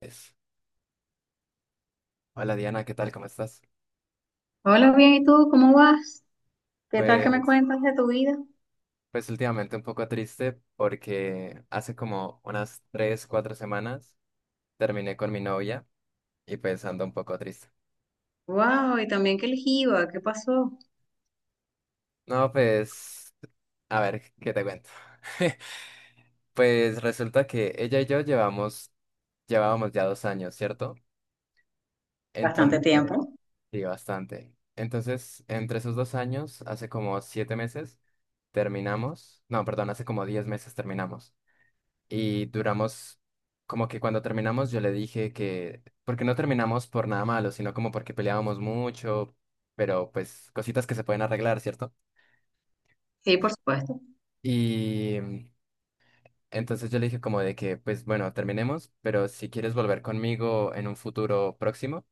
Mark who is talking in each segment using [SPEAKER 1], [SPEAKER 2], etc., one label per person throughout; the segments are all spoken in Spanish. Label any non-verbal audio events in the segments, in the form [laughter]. [SPEAKER 1] Es. Hola Diana, ¿qué tal? ¿Cómo estás?
[SPEAKER 2] Hola, bien, ¿y tú? ¿Cómo vas? ¿Qué tal que me
[SPEAKER 1] Pues,
[SPEAKER 2] cuentas de tu vida?
[SPEAKER 1] pues, últimamente un poco triste porque hace como unas 3, 4 semanas terminé con mi novia y pues ando un poco triste.
[SPEAKER 2] Wow, y también que el jiba, ¿qué pasó?
[SPEAKER 1] No, pues, a ver, ¿qué te cuento? [laughs] Pues resulta que ella y yo llevábamos ya 2 años, ¿cierto?
[SPEAKER 2] Bastante
[SPEAKER 1] Entonces,
[SPEAKER 2] tiempo.
[SPEAKER 1] sí, bastante. Entonces, entre esos 2 años, hace como 7 meses, terminamos. No, perdón, hace como 10 meses terminamos. Y duramos, como que cuando terminamos yo le dije que, porque no terminamos por nada malo, sino como porque peleábamos mucho, pero pues cositas que se pueden arreglar, ¿cierto?
[SPEAKER 2] Sí, por supuesto.
[SPEAKER 1] Y entonces yo le dije como de que, pues bueno, terminemos, pero si quieres volver conmigo en un futuro próximo,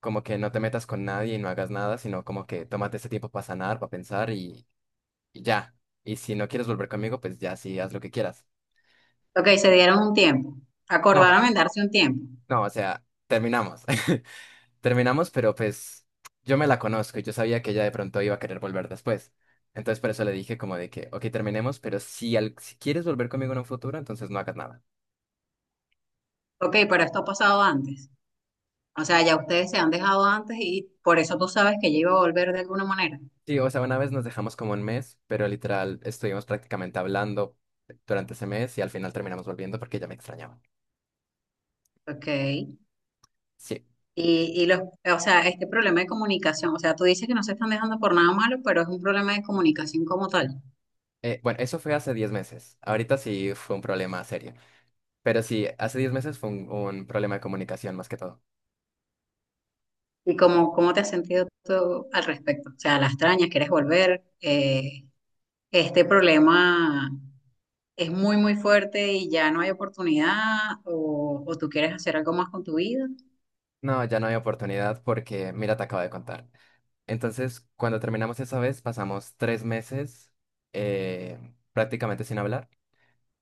[SPEAKER 1] como que no te metas con nadie y no hagas nada, sino como que tómate ese tiempo para sanar, para pensar y ya. Y si no quieres volver conmigo, pues ya sí, haz lo que quieras.
[SPEAKER 2] Ok, se dieron un tiempo.
[SPEAKER 1] No,
[SPEAKER 2] Acordaron en darse un tiempo.
[SPEAKER 1] no, o sea, terminamos. [laughs] Terminamos, pero pues yo me la conozco y yo sabía que ella de pronto iba a querer volver después. Entonces por eso le dije como de que, ok, terminemos, pero si quieres volver conmigo en un futuro, entonces no hagas nada.
[SPEAKER 2] Ok, pero esto ha pasado antes. O sea, ya ustedes se han dejado antes y por eso tú sabes que ella iba a volver de alguna manera.
[SPEAKER 1] Sí, o sea, una vez nos dejamos como un mes, pero literal estuvimos prácticamente hablando durante ese mes y al final terminamos volviendo porque ella me extrañaba.
[SPEAKER 2] Ok.
[SPEAKER 1] Sí.
[SPEAKER 2] Y los, o sea, este problema de comunicación, o sea, tú dices que no se están dejando por nada malo, pero es un problema de comunicación como tal.
[SPEAKER 1] Bueno, eso fue hace 10 meses. Ahorita sí fue un problema serio. Pero sí, hace 10 meses fue un problema de comunicación más que todo.
[SPEAKER 2] ¿Y cómo, cómo te has sentido tú al respecto? O sea, la extrañas, quieres volver. Este problema es muy, muy fuerte y ya no hay oportunidad. O tú quieres hacer algo más con tu vida.
[SPEAKER 1] No, ya no hay oportunidad porque, mira, te acabo de contar. Entonces, cuando terminamos esa vez, pasamos 3 meses eh, prácticamente sin hablar.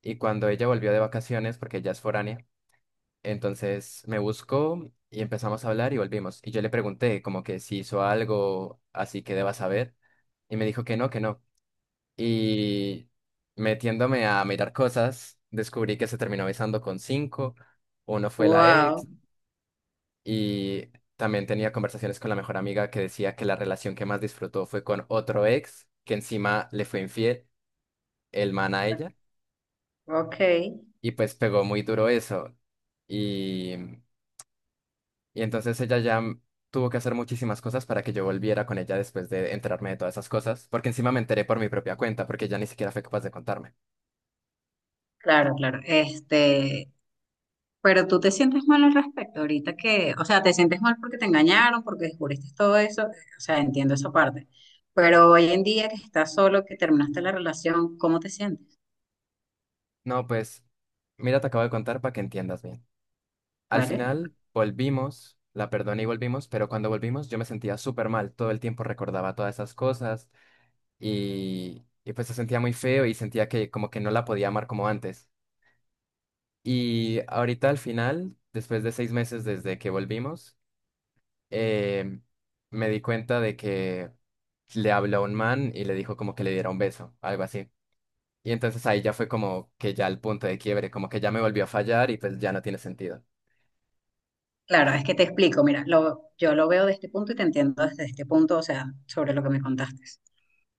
[SPEAKER 1] Y cuando ella volvió de vacaciones, porque ella es foránea, entonces me buscó y empezamos a hablar y volvimos. Y yo le pregunté como que si hizo algo así que deba saber. Y me dijo que no, que no. Y metiéndome a mirar cosas, descubrí que se terminó besando con cinco. Uno fue la ex,
[SPEAKER 2] Wow,
[SPEAKER 1] y también tenía conversaciones con la mejor amiga que decía que la relación que más disfrutó fue con otro ex, que encima le fue infiel, el man a ella,
[SPEAKER 2] ok.
[SPEAKER 1] y pues pegó muy duro eso. Y, y entonces ella ya tuvo que hacer muchísimas cosas para que yo volviera con ella después de enterarme de todas esas cosas, porque encima me enteré por mi propia cuenta, porque ella ni siquiera fue capaz de contarme.
[SPEAKER 2] Claro, claro. Este, pero tú te sientes mal al respecto ahorita que, o sea, te sientes mal porque te engañaron, porque descubriste todo eso. O sea, entiendo esa parte. Pero hoy en día que estás solo, que terminaste la relación, ¿cómo te sientes?
[SPEAKER 1] No, pues, mira, te acabo de contar para que entiendas bien. Al
[SPEAKER 2] ¿Vale?
[SPEAKER 1] final volvimos, la perdoné y volvimos, pero cuando volvimos yo me sentía súper mal, todo el tiempo recordaba todas esas cosas y pues se sentía muy feo y sentía que como que no la podía amar como antes. Y ahorita al final, después de 6 meses desde que volvimos, eh, me di cuenta de que le habló a un man y le dijo como que le diera un beso, algo así. Y entonces ahí ya fue como que ya el punto de quiebre, como que ya me volvió a fallar y pues ya no tiene sentido.
[SPEAKER 2] Claro, es que te explico, mira, lo, yo lo veo de este punto y te entiendo desde este punto, o sea, sobre lo que me contaste.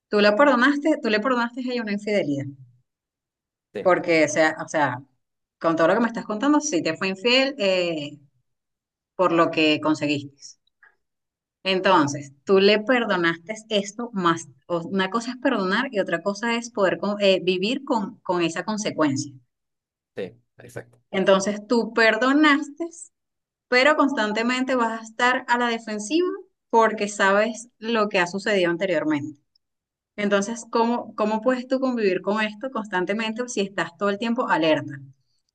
[SPEAKER 2] Tú la perdonaste, tú le perdonaste a ella una infidelidad,
[SPEAKER 1] Sí,
[SPEAKER 2] porque, o sea, con todo lo que me estás contando, sí te fue infiel por lo que conseguiste. Entonces, tú le perdonaste esto más, o una cosa es perdonar y otra cosa es poder con vivir con esa consecuencia.
[SPEAKER 1] sí, exacto.
[SPEAKER 2] Entonces, tú perdonaste pero constantemente vas a estar a la defensiva porque sabes lo que ha sucedido anteriormente. Entonces, ¿cómo, cómo puedes tú convivir con esto constantemente si estás todo el tiempo alerta?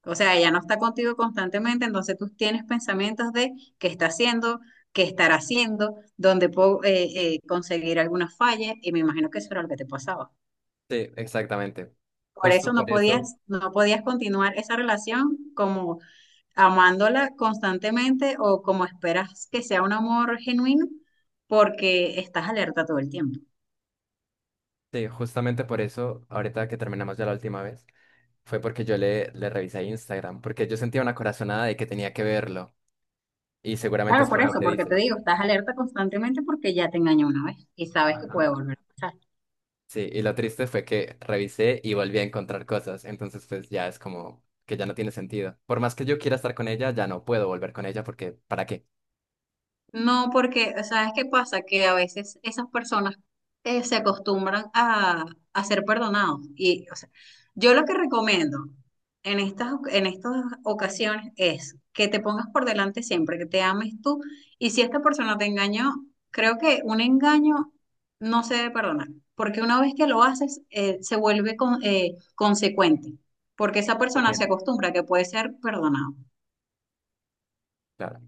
[SPEAKER 2] O sea, ella no está contigo constantemente, entonces tú tienes pensamientos de qué está haciendo, qué estará haciendo, dónde puedo conseguir alguna falla, y me imagino que eso era lo que te pasaba.
[SPEAKER 1] Sí, exactamente.
[SPEAKER 2] Por eso
[SPEAKER 1] Justo
[SPEAKER 2] no
[SPEAKER 1] por eso,
[SPEAKER 2] podías, no podías continuar esa relación como amándola constantemente o como esperas que sea un amor genuino porque estás alerta todo el tiempo.
[SPEAKER 1] sí, justamente por eso, ahorita que terminamos ya la última vez, fue porque yo le revisé Instagram, porque yo sentía una corazonada de que tenía que verlo, y seguramente
[SPEAKER 2] Claro,
[SPEAKER 1] es
[SPEAKER 2] por
[SPEAKER 1] por lo
[SPEAKER 2] eso,
[SPEAKER 1] que
[SPEAKER 2] porque te
[SPEAKER 1] dices.
[SPEAKER 2] digo, estás alerta constantemente porque ya te engañó una vez y sabes que
[SPEAKER 1] Ajá.
[SPEAKER 2] puede volver a pasar.
[SPEAKER 1] Sí, y lo triste fue que revisé y volví a encontrar cosas, entonces pues ya es como que ya no tiene sentido. Por más que yo quiera estar con ella, ya no puedo volver con ella porque ¿para qué?
[SPEAKER 2] No, porque, ¿sabes qué pasa? Que a veces esas personas se acostumbran a ser perdonados. Y, o sea, yo lo que recomiendo en estas ocasiones es que te pongas por delante siempre, que te ames tú. Y si esta persona te engañó, creo que un engaño no se debe perdonar, porque una vez que lo haces, se vuelve con consecuente, porque esa
[SPEAKER 1] La
[SPEAKER 2] persona se
[SPEAKER 1] Rutina.
[SPEAKER 2] acostumbra a que puede ser perdonado.
[SPEAKER 1] Claro.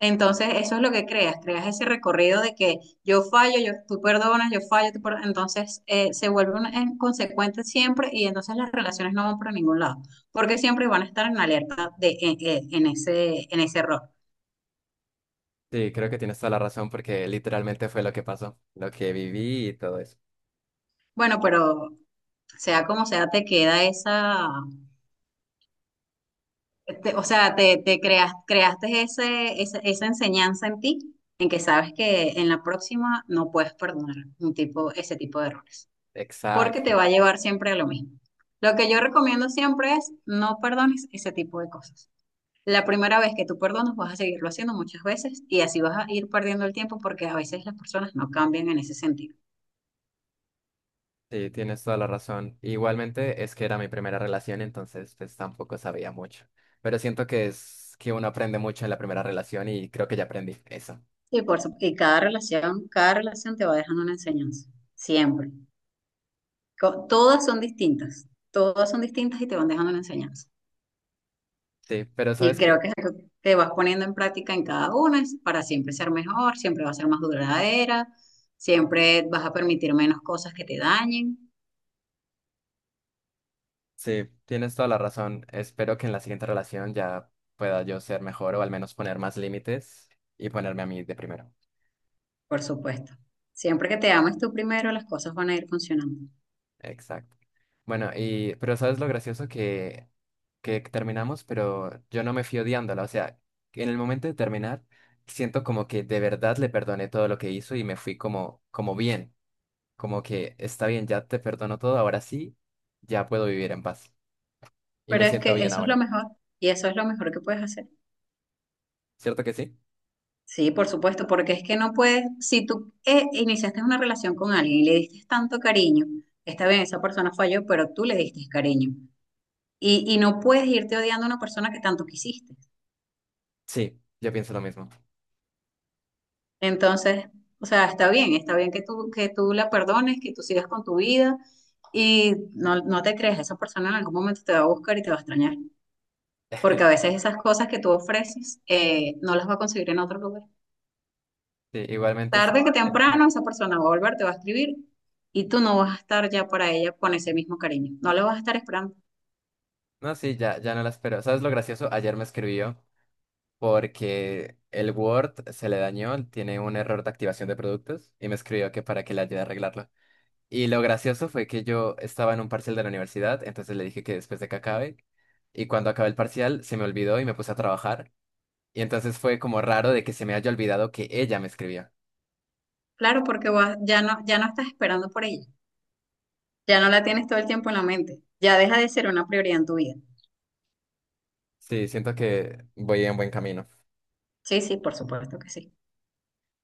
[SPEAKER 2] Entonces, eso es lo que creas, creas ese recorrido de que yo fallo, yo, tú perdonas, yo fallo, tú perdonas. Entonces, se vuelven en consecuente siempre y entonces las relaciones no van para ningún lado, porque siempre van a estar en alerta de, en ese error.
[SPEAKER 1] Sí, creo que tienes toda la razón porque literalmente fue lo que pasó, lo que viví y todo eso.
[SPEAKER 2] Bueno, pero sea como sea, te queda esa, te o sea, te creas, creaste ese, esa enseñanza en ti, en que sabes que en la próxima no puedes perdonar un tipo, ese tipo de errores. Porque te
[SPEAKER 1] Exacto.
[SPEAKER 2] va a llevar siempre a lo mismo. Lo que yo recomiendo siempre es no perdones ese tipo de cosas. La primera vez que tú perdonas vas a seguirlo haciendo muchas veces y así vas a ir perdiendo el tiempo porque a veces las personas no cambian en ese sentido.
[SPEAKER 1] Sí, tienes toda la razón. Igualmente es que era mi primera relación, entonces pues tampoco sabía mucho. Pero siento que es que uno aprende mucho en la primera relación y creo que ya aprendí eso.
[SPEAKER 2] Y, por, su y cada relación te va dejando una enseñanza, siempre. Co todas son distintas y te van dejando una enseñanza.
[SPEAKER 1] Sí, pero
[SPEAKER 2] Y
[SPEAKER 1] ¿sabes
[SPEAKER 2] creo
[SPEAKER 1] qué?
[SPEAKER 2] que es algo que vas poniendo en práctica en cada una es para siempre ser mejor, siempre va a ser más duradera, siempre vas a permitir menos cosas que te dañen,
[SPEAKER 1] Sí, tienes toda la razón. Espero que en la siguiente relación ya pueda yo ser mejor o al menos poner más límites y ponerme a mí de primero.
[SPEAKER 2] por supuesto. Siempre que te ames tú primero, las cosas van a ir funcionando.
[SPEAKER 1] Exacto. Bueno, y pero ¿sabes lo gracioso que terminamos? Pero yo no me fui odiándola. O sea, que en el momento de terminar, siento como que de verdad le perdoné todo lo que hizo y me fui como, como bien. Como que está bien, ya te perdono todo, ahora sí, ya puedo vivir en paz. Y
[SPEAKER 2] Pero
[SPEAKER 1] me
[SPEAKER 2] es
[SPEAKER 1] siento
[SPEAKER 2] que
[SPEAKER 1] bien
[SPEAKER 2] eso es lo
[SPEAKER 1] ahora.
[SPEAKER 2] mejor y eso es lo mejor que puedes hacer.
[SPEAKER 1] ¿Cierto que sí?
[SPEAKER 2] Sí, por supuesto, porque es que no puedes, si tú iniciaste una relación con alguien y le diste tanto cariño, está bien, esa persona falló, pero tú le diste cariño. Y no puedes irte odiando a una persona que tanto quisiste.
[SPEAKER 1] Sí, yo pienso lo mismo.
[SPEAKER 2] Entonces, o sea, está bien que tú la perdones, que tú sigas con tu vida y no, no te creas, esa persona en algún momento te va a buscar y te va a extrañar, porque a
[SPEAKER 1] [laughs]
[SPEAKER 2] veces esas cosas que tú ofreces no las va a conseguir en otro lugar.
[SPEAKER 1] Sí, igualmente sí.
[SPEAKER 2] Tarde que temprano esa persona va a volver, te va a escribir y tú no vas a estar ya para ella con ese mismo cariño, no la vas a estar esperando.
[SPEAKER 1] No, sí, ya, ya no la espero. ¿Sabes lo gracioso? Ayer me escribió porque el Word se le dañó, tiene un error de activación de productos y me escribió que para que le ayude a arreglarlo. Y lo gracioso fue que yo estaba en un parcial de la universidad, entonces le dije que después de que acabe, y cuando acabé el parcial se me olvidó y me puse a trabajar, y entonces fue como raro de que se me haya olvidado que ella me escribía.
[SPEAKER 2] Claro, porque vas ya no, ya no estás esperando por ella, ya no la tienes todo el tiempo en la mente, ya deja de ser una prioridad en tu vida.
[SPEAKER 1] Sí, siento que voy en buen camino.
[SPEAKER 2] Sí, sí, por supuesto que sí.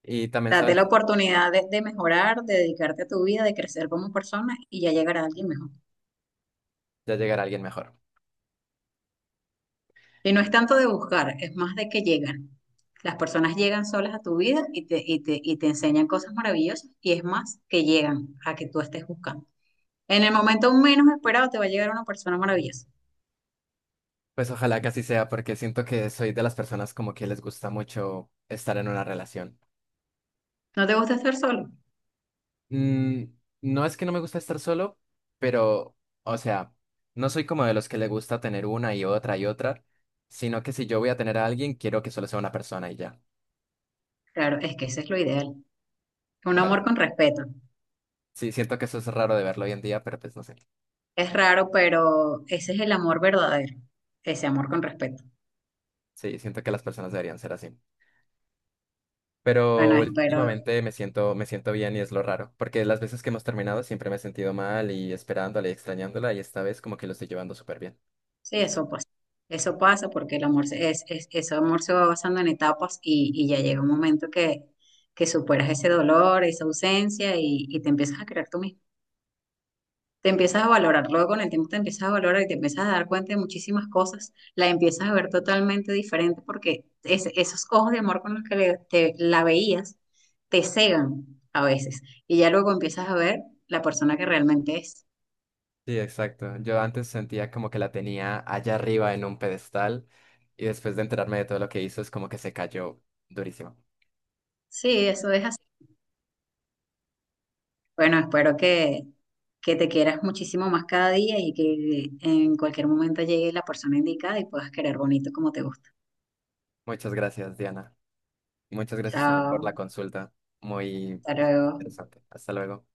[SPEAKER 1] Y también,
[SPEAKER 2] Date la
[SPEAKER 1] ¿sabes?
[SPEAKER 2] oportunidad de mejorar, de dedicarte a tu vida, de crecer como persona y ya llegará alguien mejor.
[SPEAKER 1] Ya llegará alguien mejor.
[SPEAKER 2] Y no es tanto de buscar, es más de que llegan. Las personas llegan solas a tu vida y te, y te, y te enseñan cosas maravillosas y es más que llegan a que tú estés buscando. En el momento menos esperado te va a llegar una persona maravillosa.
[SPEAKER 1] Pues ojalá que así sea, porque siento que soy de las personas como que les gusta mucho estar en una relación.
[SPEAKER 2] ¿No te gusta estar solo?
[SPEAKER 1] Mm, no es que no me gusta estar solo, pero, o sea, no soy como de los que le gusta tener una y otra, sino que si yo voy a tener a alguien, quiero que solo sea una persona y ya.
[SPEAKER 2] Claro, es que ese es lo ideal. Un
[SPEAKER 1] Claro.
[SPEAKER 2] amor con respeto.
[SPEAKER 1] Sí, siento que eso es raro de verlo hoy en día, pero pues no sé.
[SPEAKER 2] Es raro, pero ese es el amor verdadero. Ese amor con respeto.
[SPEAKER 1] Sí, siento que las personas deberían ser así.
[SPEAKER 2] Bueno,
[SPEAKER 1] Pero
[SPEAKER 2] espero,
[SPEAKER 1] últimamente me siento bien y es lo raro, porque las veces que hemos terminado siempre me he sentido mal y esperándola y extrañándola y esta vez como que lo estoy llevando súper bien.
[SPEAKER 2] sí, eso pasa. Eso pasa porque el amor se, es, eso amor se va basando en etapas y ya llega un momento que superas ese dolor, esa ausencia y te empiezas a creer tú mismo. Te empiezas a valorar, luego con el tiempo te empiezas a valorar y te empiezas a dar cuenta de muchísimas cosas, la empiezas a ver totalmente diferente porque es esos ojos de amor con los que le te, la veías te cegan a veces y ya luego empiezas a ver la persona que realmente es.
[SPEAKER 1] Sí, exacto. Yo antes sentía como que la tenía allá arriba en un pedestal y después de enterarme de todo lo que hizo es como que se cayó durísimo.
[SPEAKER 2] Sí, eso es así. Bueno, espero que te quieras muchísimo más cada día y que en cualquier momento llegue la persona indicada y puedas querer bonito como te gusta.
[SPEAKER 1] Muchas gracias, Diana. Muchas gracias también por la
[SPEAKER 2] Chao,
[SPEAKER 1] consulta. Muy
[SPEAKER 2] hasta luego.
[SPEAKER 1] interesante. Hasta luego.